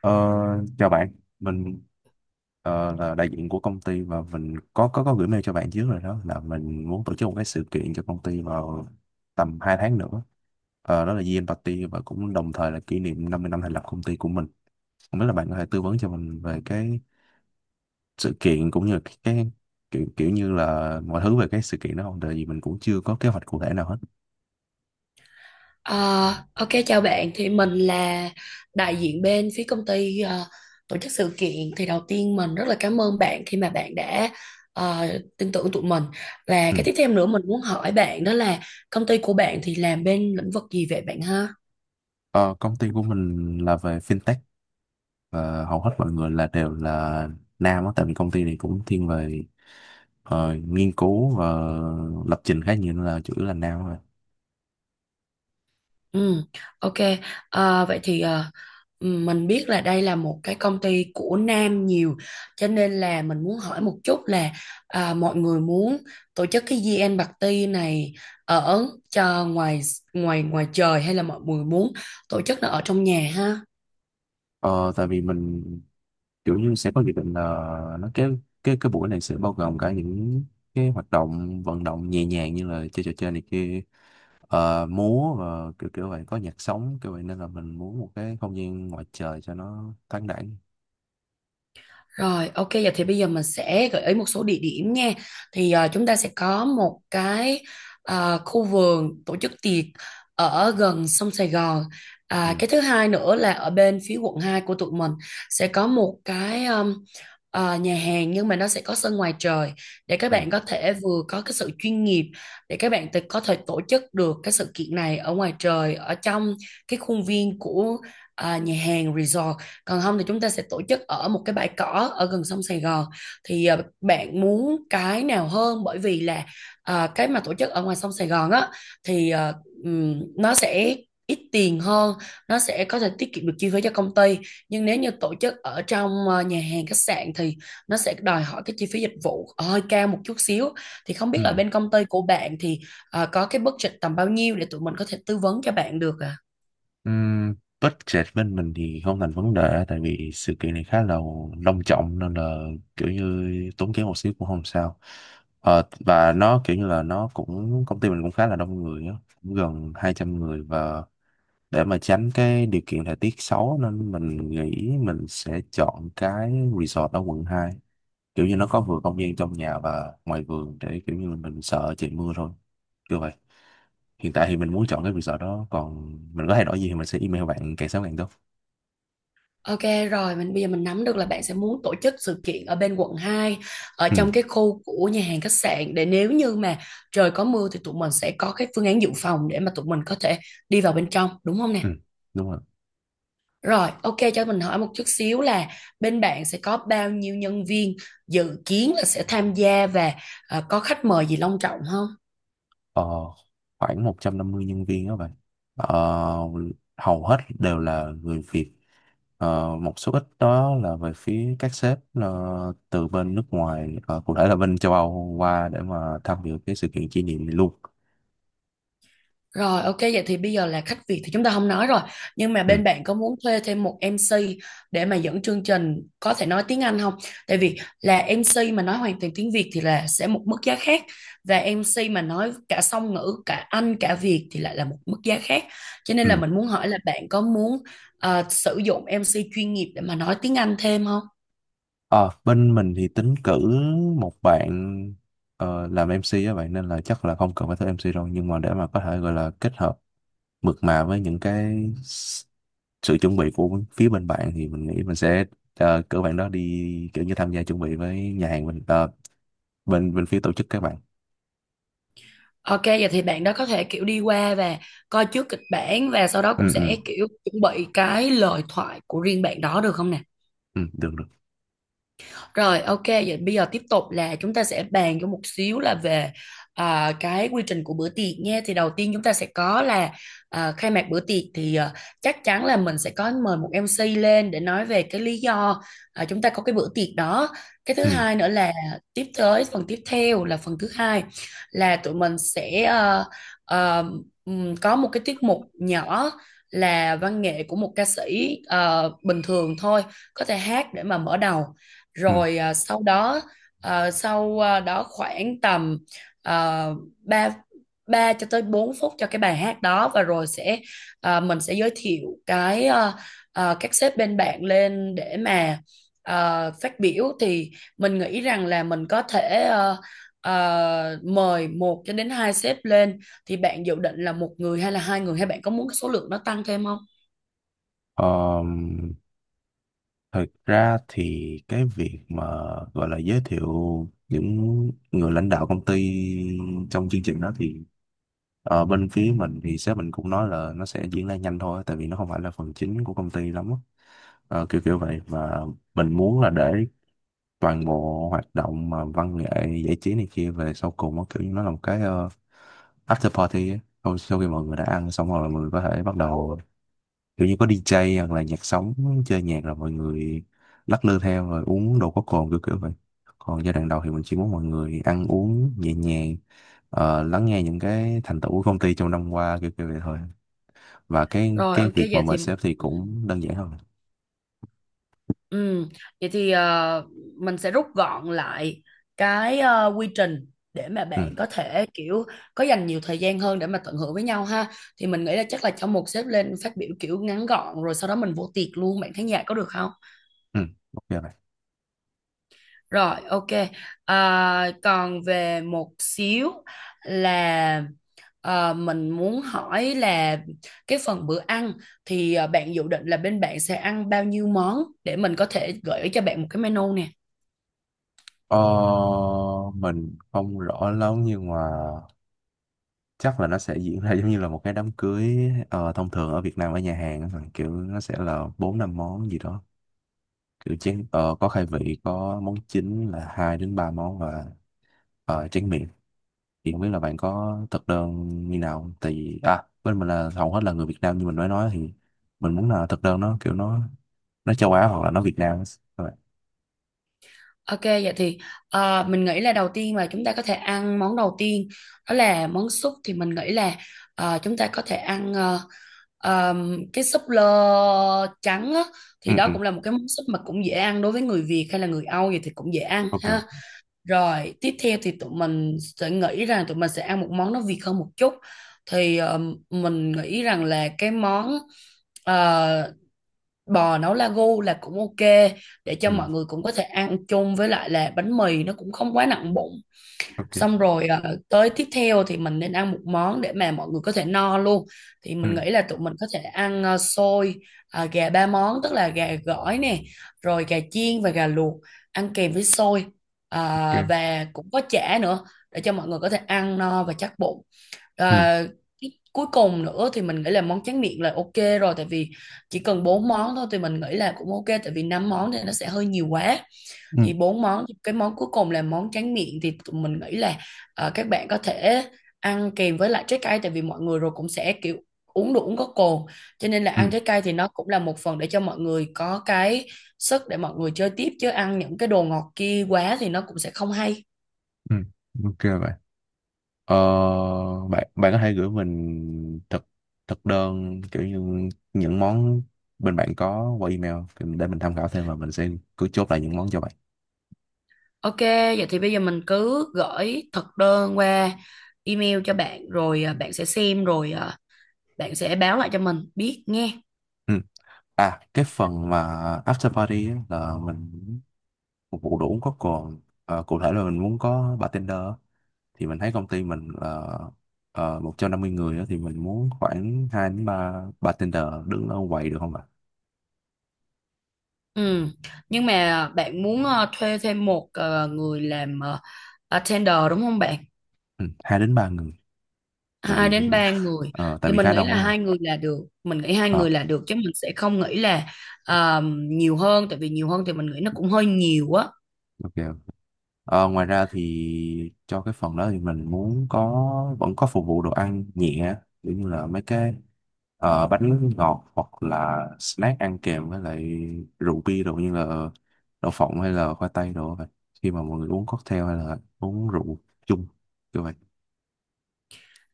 Ờ, chào bạn, mình là đại diện của công ty và mình có gửi mail cho bạn trước rồi, đó là mình muốn tổ chức một cái sự kiện cho công ty vào tầm 2 tháng nữa. Đó là Year End Party và cũng đồng thời là kỷ niệm 50 năm thành lập công ty của mình. Không biết là bạn có thể tư vấn cho mình về cái sự kiện cũng như cái kiểu kiểu như là mọi thứ về cái sự kiện đó không? Tại vì mình cũng chưa có kế hoạch cụ thể nào hết. Ờ, ok chào bạn, thì mình là đại diện bên phía công ty tổ chức sự kiện. Thì đầu tiên mình rất là cảm ơn bạn khi mà bạn đã ờ, tin tưởng tụi mình, và Ừ. cái tiếp theo nữa mình muốn hỏi bạn đó là công ty của bạn thì làm bên lĩnh vực gì vậy bạn ha. Ờ, công ty của mình là về fintech và hầu hết mọi người là đều là nam á, tại vì công ty này cũng thiên về nghiên cứu và lập trình khá nhiều nên là chủ yếu là nam rồi. Ừ, ok. À, vậy thì mình biết là đây là một cái công ty của nam nhiều, cho nên là mình muốn hỏi một chút là mọi người muốn tổ chức cái GN Party này ở cho ngoài ngoài ngoài trời hay là mọi người muốn tổ chức nó ở trong nhà ha? Ờ, tại vì mình kiểu như sẽ có dự định là nó cái buổi này sẽ bao gồm cả những cái hoạt động vận động nhẹ nhàng như là chơi trò chơi này kia, múa và kiểu kiểu vậy, có nhạc sống kiểu vậy nên là mình muốn một cái không gian ngoài trời cho nó thoáng đãng. Rồi, ok, giờ thì bây giờ mình sẽ gợi ý một số địa điểm nha. Thì chúng ta sẽ có một cái khu vườn tổ chức tiệc ở gần sông Sài Gòn. À, Ừ. cái thứ hai nữa là ở bên phía quận 2 của tụi mình sẽ có một cái nhà hàng nhưng mà nó sẽ có sân ngoài trời để các Ừ. bạn có thể vừa có cái sự chuyên nghiệp, để các bạn tự- có thể tổ chức được cái sự kiện này ở ngoài trời, ở trong cái khuôn viên của nhà hàng resort. Còn không thì chúng ta sẽ tổ chức ở một cái bãi cỏ ở gần sông Sài Gòn. Thì bạn muốn cái nào hơn? Bởi vì là cái mà tổ chức ở ngoài sông Sài Gòn á thì nó sẽ ít tiền hơn, nó sẽ có thể tiết kiệm được chi phí cho công ty, nhưng nếu như tổ chức ở trong nhà hàng khách sạn thì nó sẽ đòi hỏi cái chi phí dịch vụ hơi cao một chút xíu. Thì không biết Ừ. là bên công ty của bạn thì có cái budget tầm bao nhiêu để tụi mình có thể tư vấn cho bạn được ạ? Ừm, budget bên mình thì không thành vấn đề tại vì sự kiện này khá là long trọng nên là kiểu như tốn kém một xíu cũng không sao. Và nó kiểu như là nó cũng công ty mình cũng khá là đông người á, cũng gần 200 người và để mà tránh cái điều kiện thời tiết xấu nên mình nghĩ mình sẽ chọn cái resort ở quận 2, kiểu như nó có vừa không gian trong nhà và ngoài vườn để kiểu như mình sợ trời mưa thôi kiểu vậy. Hiện tại thì mình muốn chọn cái resort đó, còn mình có thay đổi gì thì mình sẽ email bạn càng sớm càng tốt. Ok rồi, mình bây giờ mình nắm được là bạn sẽ muốn tổ chức sự kiện ở bên quận 2, ở Ừ, trong cái khu của nhà hàng khách sạn, để nếu như mà trời có mưa thì tụi mình sẽ có cái phương án dự phòng để mà tụi mình có thể đi vào bên trong, đúng không nè? ừ, đúng rồi. Rồi, ok, cho mình hỏi một chút xíu là bên bạn sẽ có bao nhiêu nhân viên dự kiến là sẽ tham gia, và có khách mời gì long trọng không? Ờ, khoảng 150 nhân viên đó bạn, ờ, hầu hết đều là người Việt, một số ít đó là về phía các sếp từ bên nước ngoài, cụ thể là bên châu Âu qua để mà tham dự cái sự kiện kỷ niệm này luôn. Rồi ok, vậy thì bây giờ là khách Việt thì chúng ta không nói rồi. Nhưng mà Ừ. bên bạn có muốn thuê thêm một MC để mà dẫn chương trình có thể nói tiếng Anh không? Tại vì là MC mà nói hoàn toàn tiếng Việt thì là sẽ một mức giá khác, và MC mà nói cả song ngữ, cả Anh, cả Việt thì lại là một mức giá khác. Cho nên là Ừ. mình muốn hỏi là bạn có muốn sử dụng MC chuyên nghiệp để mà nói tiếng Anh thêm không? Ờ, bên mình thì tính cử một bạn làm MC á, vậy nên là chắc là không cần phải thuê MC đâu, nhưng mà để mà có thể gọi là kết hợp mượt mà với những cái s- sự chuẩn bị của phía bên bạn thì mình nghĩ mình sẽ cử bạn đó đi kiểu như tham gia chuẩn bị với nhà hàng bên ờ, bên bên phía tổ chức các bạn. Ok, vậy thì bạn đó có thể kiểu đi qua và coi trước kịch bản, và sau đó cũng Ừ, ừ, sẽ kiểu chuẩn bị cái lời thoại của riêng bạn đó, được không nè? ừ, được, được. Rồi ok, vậy bây giờ tiếp tục là chúng ta sẽ bàn cho một xíu là về cái quy trình của bữa tiệc nha. Thì đầu tiên chúng ta sẽ có là khai mạc bữa tiệc, thì chắc chắn là mình sẽ có mời một MC lên để nói về cái lý do chúng ta có cái bữa tiệc đó. Cái thứ Ừ, hai nữa là tiếp tới phần tiếp theo là phần thứ hai, là tụi mình sẽ ờ, có một cái tiết mục nhỏ là văn nghệ của một ca sĩ bình thường thôi, có thể hát để mà mở đầu. ừ. Rồi sau đó khoảng tầm uh, 3 3 cho tới 4 phút cho cái bài hát đó, và rồi sẽ mình sẽ giới thiệu cái các sếp bên bạn lên để mà phát biểu. Thì mình nghĩ rằng là mình có thể mời một cho đến hai sếp lên, thì bạn dự định là một người hay là hai người, hay bạn có muốn cái số lượng nó tăng thêm không? Ờm, thật ra thì cái việc mà gọi là giới thiệu những người lãnh đạo công ty trong chương trình đó thì bên phía mình thì sếp mình cũng nói là nó sẽ diễn ra nhanh thôi tại vì nó không phải là phần chính của công ty lắm á. Kiểu kiểu vậy và mình muốn là để toàn bộ hoạt động mà văn nghệ giải trí này kia về sau cùng nó kiểu như nó là một cái after party á. Sau khi mọi người đã ăn xong rồi mọi người có thể bắt đầu kiểu như có đi DJ hoặc là nhạc sống chơi nhạc, rồi mọi người lắc lư theo rồi uống đồ có cồn kiểu kiểu vậy. Còn giai đoạn đầu thì mình chỉ muốn mọi người ăn uống nhẹ nhàng, lắng nghe những cái thành tựu của công ty trong năm qua kiểu kiểu vậy thôi, và cái Rồi cái ok, việc mà vậy thì. mời sếp thì cũng đơn giản hơn. Ừ, vậy thì mình sẽ rút gọn lại cái quy trình để mà Ừ, bạn có thể kiểu có dành nhiều thời gian hơn để mà tận hưởng với nhau ha. Thì mình nghĩ là chắc là cho một sếp lên phát biểu kiểu ngắn gọn rồi sau đó mình vô tiệc luôn, bạn khán giả có được không? ừ, ok vậy. Rồi, ok. À, còn về một xíu là mình muốn hỏi là cái phần bữa ăn thì bạn dự định là bên bạn sẽ ăn bao nhiêu món để mình có thể gửi cho bạn một cái menu nè. Ờ, mình không rõ lắm nhưng mà chắc là nó sẽ diễn ra giống như là một cái đám cưới thông thường ở Việt Nam ở nhà hàng á, kiểu nó sẽ là bốn năm món gì đó kiểu chén, có khai vị có món chính là hai đến ba món và tráng miệng, thì không biết là bạn có thực đơn như nào không? Tại vì à bên mình là hầu hết là người Việt Nam như mình mới nói, thì mình muốn là thực đơn nó kiểu nó châu Á hoặc là nó Việt Nam á. Các bạn. Ok, vậy thì mình nghĩ là đầu tiên là chúng ta có thể ăn món đầu tiên đó là món súp. Thì mình nghĩ là chúng ta có thể ăn cái súp lơ trắng á, thì Ừ, đó ừ, cũng là một cái món súp mà cũng dễ ăn đối với người Việt hay là người Âu gì thì cũng dễ ăn ok. ha. Rồi tiếp theo thì tụi mình sẽ nghĩ rằng tụi mình sẽ ăn một món nó Việt hơn một chút, thì mình nghĩ rằng là cái món uh, bò nấu lagu là cũng ok, để cho Ừ, mọi người cũng có thể ăn chung với lại là bánh mì, nó cũng không quá nặng bụng. ok. Xong rồi tới tiếp theo thì mình nên ăn một món để mà mọi người có thể no luôn, thì mình Ừ, nghĩ là tụi mình có thể ăn xôi gà ba món, tức là gà gỏi nè, rồi gà chiên và gà luộc, ăn kèm với xôi. Ờ, ok. và cũng có chả nữa để cho mọi người có thể ăn no và chắc bụng. Ừ, À, cuối cùng nữa thì mình nghĩ là món tráng miệng là ok rồi, tại vì chỉ cần bốn món thôi thì mình nghĩ là cũng ok, tại vì năm món thì nó sẽ hơi nhiều quá. ừ, Thì bốn món, cái món cuối cùng là món tráng miệng, thì tụi mình nghĩ là các bạn có thể ăn kèm với lại trái cây, tại vì mọi người rồi cũng sẽ kiểu uống đồ uống có cồn, cho nên là ừ, ăn trái cây thì nó cũng là một phần để cho mọi người có cái sức để mọi người chơi tiếp, chứ ăn những cái đồ ngọt kia quá thì nó cũng sẽ không hay. ừ, ok bạn. Ờ, bạn bạn có thể gửi mình thực thực đơn kiểu như những món bên bạn có qua email thì để mình tham khảo thêm và mình sẽ cứ chốt lại những món cho bạn. Ok, vậy thì bây giờ mình cứ gửi thực đơn qua email cho bạn, rồi bạn sẽ xem rồi bạn sẽ báo lại cho mình biết nghe. Ừ. À, cái phần mà after party á, là mình phục vụ đồ uống có cồn. Ờ, cụ thể là mình muốn có bartender á. Thì mình thấy công ty mình là 150 người á, thì mình muốn khoảng 2 đến 3 bartender đứng ở quầy được không ạ? Ừ. Nhưng mà bạn muốn thuê thêm một người làm attender đúng không bạn? Ừ, 2 đến 3 người, tại Hai vì đến ba người tại thì vì mình khá nghĩ là đông á. hai người là được. Mình nghĩ hai Ờ. người là được, chứ mình sẽ không nghĩ là à, nhiều hơn, tại vì nhiều hơn thì mình nghĩ nó cũng hơi nhiều á. Ok. Ngoài ra thì cho cái phần đó thì mình muốn có vẫn có phục vụ đồ ăn nhẹ kiểu như là mấy cái bánh ngọt hoặc là snack ăn kèm với lại rượu bia đồ như là đậu phộng hay là khoai tây đồ vậy, khi mà mọi người uống cocktail hay là uống rượu chung như vậy.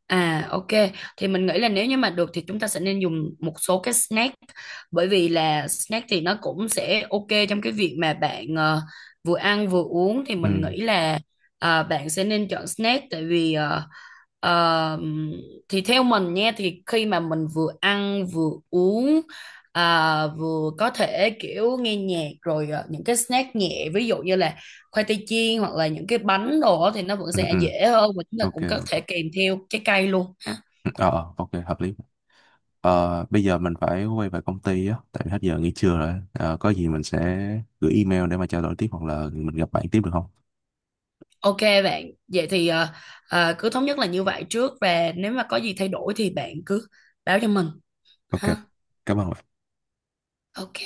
À ok, thì mình nghĩ là nếu như mà được thì chúng ta sẽ nên dùng một số cái snack, bởi vì là snack thì nó cũng sẽ ok trong cái việc mà bạn vừa ăn vừa uống. Thì Ừ, mình nghĩ là bạn sẽ nên chọn snack, tại vì ờ, thì theo mình nha, thì khi mà mình vừa ăn vừa uống vừa có thể kiểu nghe nhạc, rồi những cái snack nhẹ ví dụ như là khoai tây chiên hoặc là những cái bánh đồ á, thì nó vẫn ừ, sẽ ừ, dễ hơn và chúng ta ok. cũng có thể kèm theo trái cây luôn ha. Ừ, ok hợp lý. Bây giờ mình phải quay về công ty á tại vì hết giờ nghỉ trưa rồi. Ờ, có gì mình sẽ gửi email để mà trao đổi tiếp hoặc là mình gặp bạn tiếp được không? Ok bạn, vậy thì cứ thống nhất là như vậy trước, và nếu mà có gì thay đổi thì bạn cứ báo cho mình Ok, ha. cảm ơn. Ok.